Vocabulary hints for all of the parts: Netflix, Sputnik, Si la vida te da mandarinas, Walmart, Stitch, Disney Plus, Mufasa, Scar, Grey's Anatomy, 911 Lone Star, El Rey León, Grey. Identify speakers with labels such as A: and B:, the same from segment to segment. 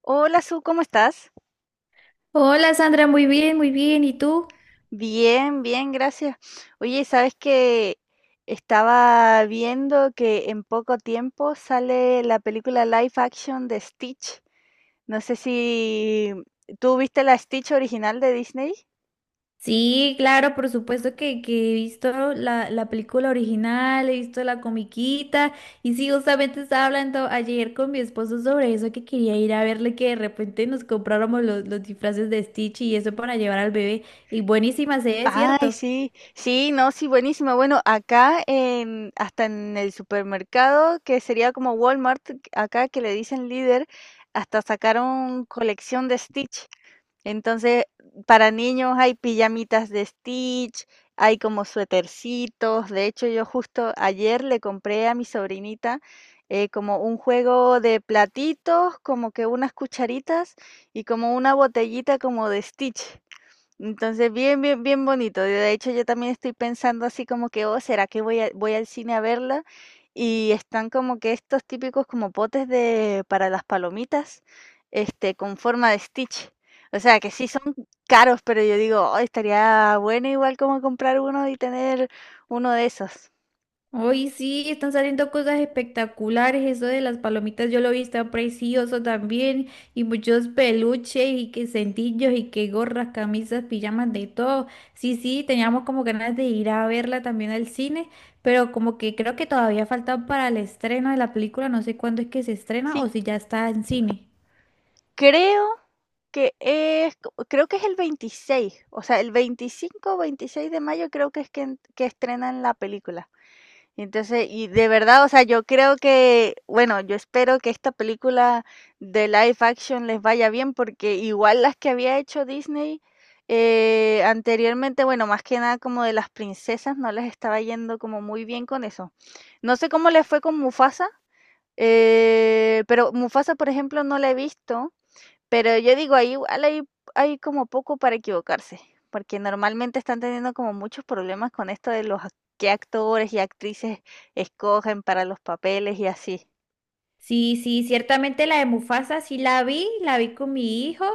A: Hola, Su, ¿cómo estás?
B: Hola Sandra, muy bien, muy bien. ¿Y tú?
A: Bien, bien, gracias. Oye, ¿sabes que? Estaba viendo que en poco tiempo sale la película live action de Stitch. No sé si tú viste la Stitch original de Disney.
B: Sí, claro, por supuesto que he visto la película original, he visto la comiquita y sí, justamente estaba hablando ayer con mi esposo sobre eso, que quería ir a verle que de repente nos compráramos los disfraces de Stitch y eso para llevar al bebé. Y buenísima se ve,
A: Ay,
B: ¿cierto?
A: sí, sí, no, sí, buenísima. Bueno, acá hasta en el supermercado, que sería como Walmart, acá que le dicen líder, hasta sacaron colección de Stitch. Entonces, para niños hay pijamitas de Stitch, hay como suétercitos. De hecho, yo justo ayer le compré a mi sobrinita como un juego de platitos, como que unas cucharitas y como una botellita como de Stitch. Entonces, bien, bien, bien bonito. De hecho, yo también estoy pensando así como que, oh, ¿será que voy al cine a verla? Y están como que estos típicos como potes de para las palomitas, con forma de Stitch. O sea, que sí son caros, pero yo digo, oh, estaría bueno igual como comprar uno y tener uno de esos.
B: Hoy sí, están saliendo cosas espectaculares. Eso de las palomitas yo lo vi, está precioso también. Y muchos peluches y que cintillos y que gorras, camisas, pijamas, de todo. Sí, sí, teníamos como ganas de ir a verla también al cine, pero como que creo que todavía falta para el estreno de la película. No sé cuándo es que se estrena
A: Sí,
B: o si ya está en cine.
A: creo creo que es el 26, o sea, el 25 o 26 de mayo creo que es que estrenan la película. Entonces, y de verdad, o sea, yo creo que, bueno, yo espero que esta película de live action les vaya bien, porque igual las que había hecho Disney anteriormente, bueno, más que nada como de las princesas, no les estaba yendo como muy bien con eso. No sé cómo les fue con Mufasa, pero Mufasa, por ejemplo, no la he visto. Pero yo digo, ahí igual hay como poco para equivocarse, porque normalmente están teniendo como muchos problemas con esto de qué actores y actrices escogen para los papeles y así.
B: Sí, sí, ciertamente la de Mufasa sí la vi con mi hijo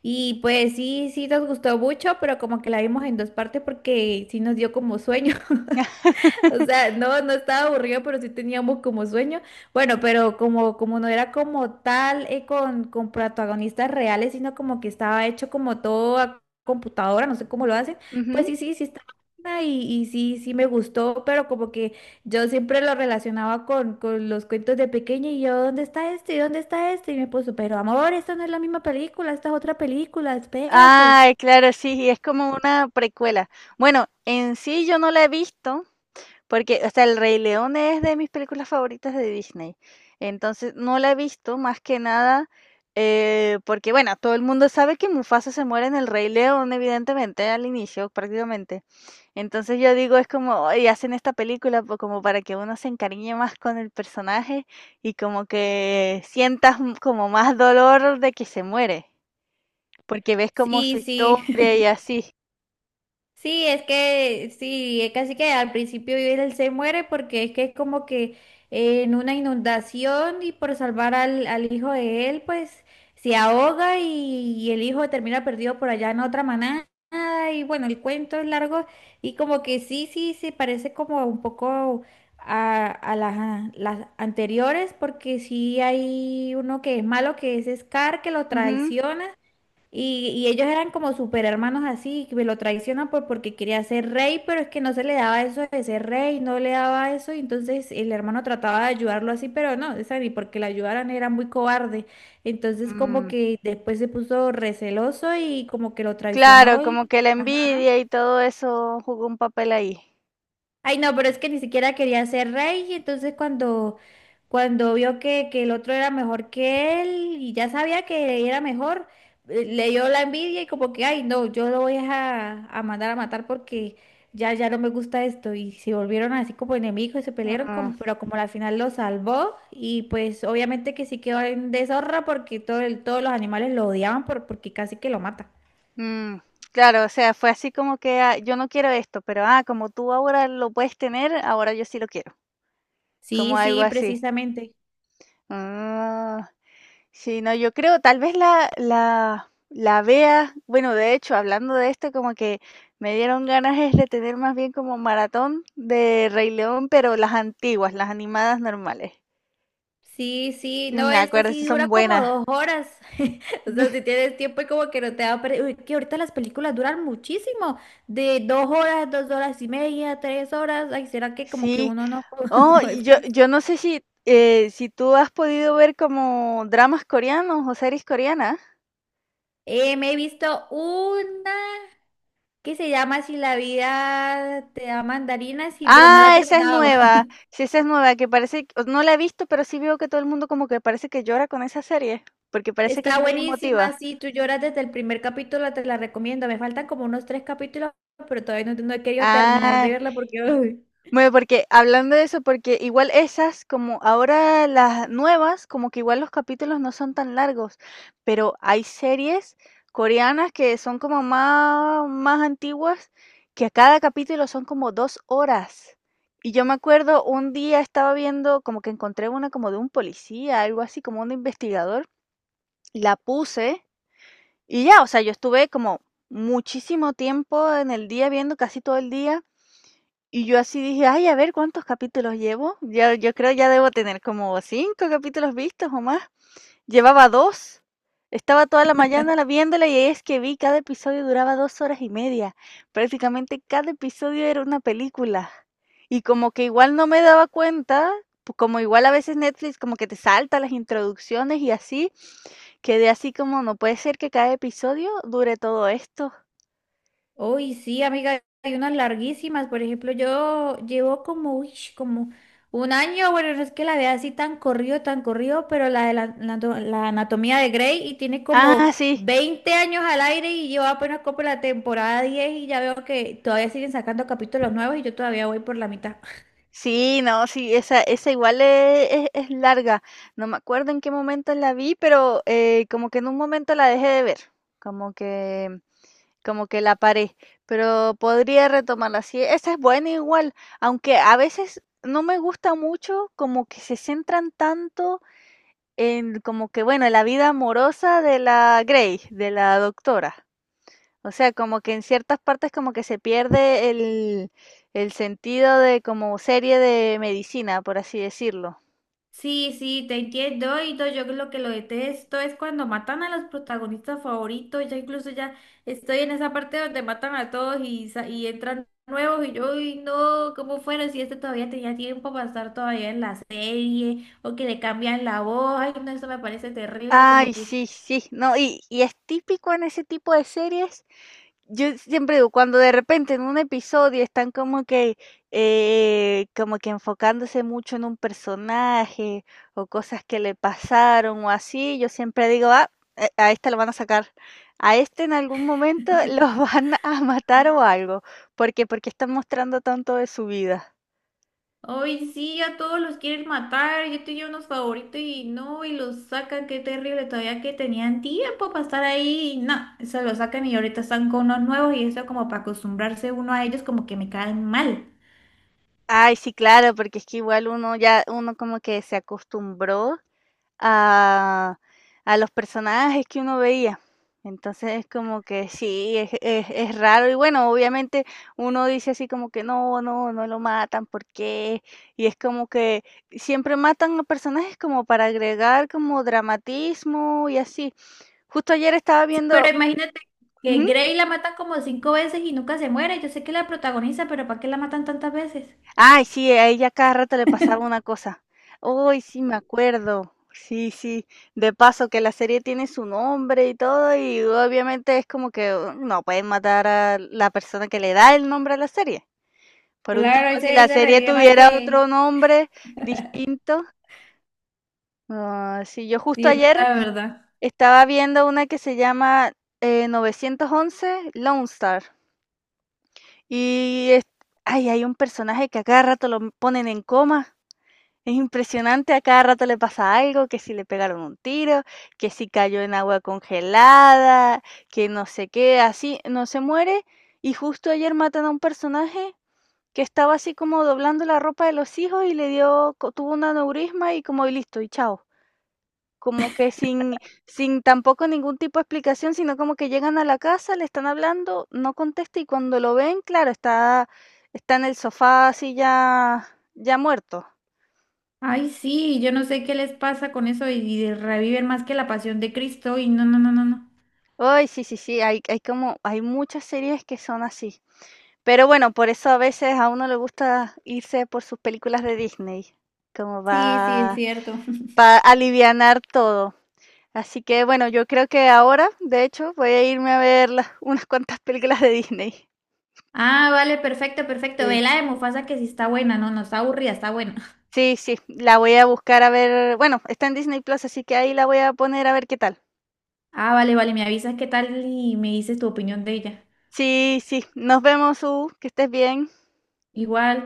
B: y pues sí, sí nos gustó mucho, pero como que la vimos en dos partes porque sí nos dio como sueño. O sea, no, no estaba aburrido, pero sí teníamos como sueño. Bueno, pero como no era como tal con protagonistas reales, sino como que estaba hecho como todo a computadora, no sé cómo lo hacen. Pues
A: Ujú.
B: sí, sí, sí estaba buena y sí, sí me gustó, pero como que yo siempre lo relacionaba con los cuentos de pequeña y yo, ¿dónde está este? ¿Y dónde está este? Y me puso, pero amor, esta no es la misma película, esta es otra película, espérate.
A: Ah, claro, sí, es como una precuela. Bueno, en sí yo no la he visto, porque, o sea, El Rey León es de mis películas favoritas de Disney. Entonces, no la he visto más que nada porque, bueno, todo el mundo sabe que Mufasa se muere en El Rey León, evidentemente, al inicio prácticamente. Entonces yo digo, es como: "Ay, hacen esta película como para que uno se encariñe más con el personaje y como que sientas como más dolor de que se muere, porque ves como su
B: Sí, sí.
A: historia y así".
B: Sí, es que sí, es casi que al principio él se muere porque es que es como que en una inundación y por salvar al hijo de él, pues se ahoga y el hijo termina perdido por allá en otra manada. Y bueno, el cuento es largo y como que sí, sí, se parece como un poco a las anteriores porque sí hay uno que es malo, que es Scar, que lo
A: Ujú.
B: traiciona. Y ellos eran como super hermanos así, que lo traicionan porque quería ser rey, pero es que no se le daba eso de ser rey, no le daba eso, y entonces el hermano trataba de ayudarlo así, pero no, esa ni porque la ayudaran era muy cobarde. Entonces como
A: Mm.
B: que después se puso receloso y como que lo
A: Claro,
B: traicionó
A: como
B: y,
A: que la
B: ajá.
A: envidia y todo eso jugó un papel ahí.
B: Ay, no, pero es que ni siquiera quería ser rey, y entonces cuando vio que el otro era mejor que él y ya sabía que era mejor, le dio la envidia y como que, ay, no, yo lo voy a mandar a matar porque ya no me gusta esto. Y se volvieron así como enemigos y se pelearon,
A: Mm,
B: como, pero como al final lo salvó y pues obviamente que sí quedó en deshonra porque todos los animales lo odiaban porque casi que lo mata.
A: mm, claro, o sea, fue así como que, ah, yo no quiero esto, pero ah, como tú ahora lo puedes tener, ahora yo sí lo quiero, como
B: Sí,
A: algo
B: sí,
A: así.
B: precisamente.
A: Ah, sí, no, yo creo, tal vez la vea, bueno, de hecho, hablando de esto, como que me dieron ganas es de tener más bien como maratón de Rey León, pero las antiguas, las animadas normales.
B: Sí, sí,
A: Y
B: no,
A: me
B: esta
A: acuerdo,
B: sí
A: esas
B: dura
A: son
B: como
A: buenas.
B: 2 horas. O sea, si tienes tiempo y como que no te da. Uy, que ahorita las películas duran muchísimo. De 2 horas, 2 horas y media, 3 horas. Ay, ¿será que como que
A: Sí.
B: uno no,
A: Oh,
B: no
A: y yo
B: descansa?
A: no sé si tú has podido ver como dramas coreanos o series coreanas.
B: Me he visto una que se llama Si la vida te da mandarinas, sí, pero no la he
A: Ah, esa es
B: terminado.
A: nueva. Sí, esa es nueva, que parece que no la he visto, pero sí veo que todo el mundo como que parece que llora con esa serie, porque parece que es
B: Está
A: muy
B: buenísima,
A: emotiva.
B: sí, tú lloras desde el primer capítulo, te la recomiendo. Me faltan como unos tres capítulos, pero todavía no he querido terminar de
A: Ah.
B: verla porque uy.
A: Bueno, porque hablando de eso, porque igual esas, como ahora las nuevas, como que igual los capítulos no son tan largos, pero hay series coreanas que son como más, más antiguas, que a cada capítulo son como dos horas. Y yo me acuerdo un día estaba viendo, como que encontré una como de un policía, algo así, como un investigador, la puse, y ya, o sea, yo estuve como muchísimo tiempo en el día viendo, casi todo el día. Y yo así dije, ay, a ver cuántos capítulos llevo. Ya, yo creo ya debo tener como cinco capítulos vistos o más. Llevaba dos. Estaba toda la mañana viéndola y es que vi cada episodio duraba dos horas y media. Prácticamente cada episodio era una película. Y como que igual no me daba cuenta, como igual a veces Netflix como que te salta las introducciones y así, quedé así como, no puede ser que cada episodio dure todo esto.
B: Uy, sí, amiga, hay unas larguísimas. Por ejemplo, yo llevo como, uy, como un año, bueno, no es que la vea así tan corrido, pero la de la la anatomía de Grey y tiene como
A: Ah, sí.
B: 20 años al aire y yo apenas como la temporada 10 y ya veo que todavía siguen sacando capítulos nuevos y yo todavía voy por la mitad.
A: Sí, no, sí, esa igual es larga. No me acuerdo en qué momento la vi, pero como que en un momento la dejé de ver, como que, como que la paré, pero podría retomarla. Sí, esa es buena igual, aunque a veces no me gusta mucho, como que se centran tanto en como que, bueno, la vida amorosa de la Grey, de la doctora. O sea, como que en ciertas partes como que se pierde el sentido de como serie de medicina, por así decirlo.
B: Sí, sí, te entiendo. Y no, yo lo que lo detesto es cuando matan a los protagonistas favoritos. Ya incluso ya estoy en esa parte donde matan a todos y entran nuevos. Y yo, uy, no, ¿cómo fueron? Si este todavía tenía tiempo para estar todavía en la serie o que le cambian la voz. Ay, no, eso me parece terrible. Como
A: Ay,
B: que.
A: sí, sí, no, y es típico en ese tipo de series yo siempre digo, cuando de repente en un episodio están como que enfocándose mucho en un personaje o cosas que le pasaron o así, yo siempre digo, ah, a este lo van a sacar, a este en algún momento los van a matar o algo, porque están mostrando tanto de su vida.
B: Hoy sí, a todos los quieren matar. Yo tenía unos favoritos y no, y los sacan. Qué terrible. Todavía que tenían tiempo para estar ahí. Y no, se los sacan y ahorita están con unos nuevos y eso como para acostumbrarse uno a ellos como que me caen mal.
A: Ay, sí, claro, porque es que igual uno ya, uno como que se acostumbró a a los personajes que uno veía. Entonces es como que sí, es raro. Y bueno, obviamente uno dice así como que no, no, no lo matan, ¿por qué? Y es como que siempre matan a personajes como para agregar como dramatismo y así. Justo ayer estaba
B: Sí, pero
A: viendo,
B: imagínate que
A: ujú.
B: Grey la matan como cinco veces y nunca se muere. Yo sé que la protagoniza, pero ¿para qué la matan tantas veces?
A: Ay, sí, a ella cada rato le pasaba una cosa. Uy, sí, me acuerdo. Sí, sí. De paso que la serie tiene su nombre y todo, y obviamente es como que no pueden matar a la persona que le da el nombre a la serie. Por último,
B: Claro,
A: si
B: ese,
A: la
B: ese
A: serie
B: revive más
A: tuviera
B: que.
A: otro nombre distinto. Ah, sí, yo justo
B: Sí, es
A: ayer
B: verdad, verdad.
A: estaba viendo una que se llama 911 Lone Star. Y es- Ay, hay un personaje que a cada rato lo ponen en coma. Es impresionante, a cada rato le pasa algo, que si le pegaron un tiro, que si cayó en agua congelada, que no sé qué, así, no se muere. Y justo ayer matan a un personaje que estaba así como doblando la ropa de los hijos y le dio, tuvo un aneurisma y como y listo, y chao. Como que sin tampoco ningún tipo de explicación, sino como que llegan a la casa, le están hablando, no contesta y cuando lo ven, claro, está en el sofá así ya, ya muerto.
B: Ay, sí, yo no sé qué les pasa con eso y reviven más que la pasión de Cristo y no, no, no, no, no.
A: Ay, sí, sí, sí, hay como hay muchas series que son así. Pero bueno, por eso a veces a uno le gusta irse por sus películas de Disney, como
B: Sí, sí, es
A: va
B: cierto.
A: para alivianar todo. Así que bueno, yo creo que ahora, de hecho, voy a irme a ver las unas cuantas películas de Disney.
B: Ah, vale, perfecto, perfecto. Ve
A: Sí.
B: la de Mufasa que sí está buena, no, no está aburrida, está buena.
A: Sí, sí, la voy a buscar a ver, bueno, está en Disney Plus, así que ahí la voy a poner a ver qué tal.
B: Ah, vale, vale, me avisas qué tal y me dices tu opinión de ella.
A: Sí, sí, nos vemos, U, que estés bien.
B: Igual.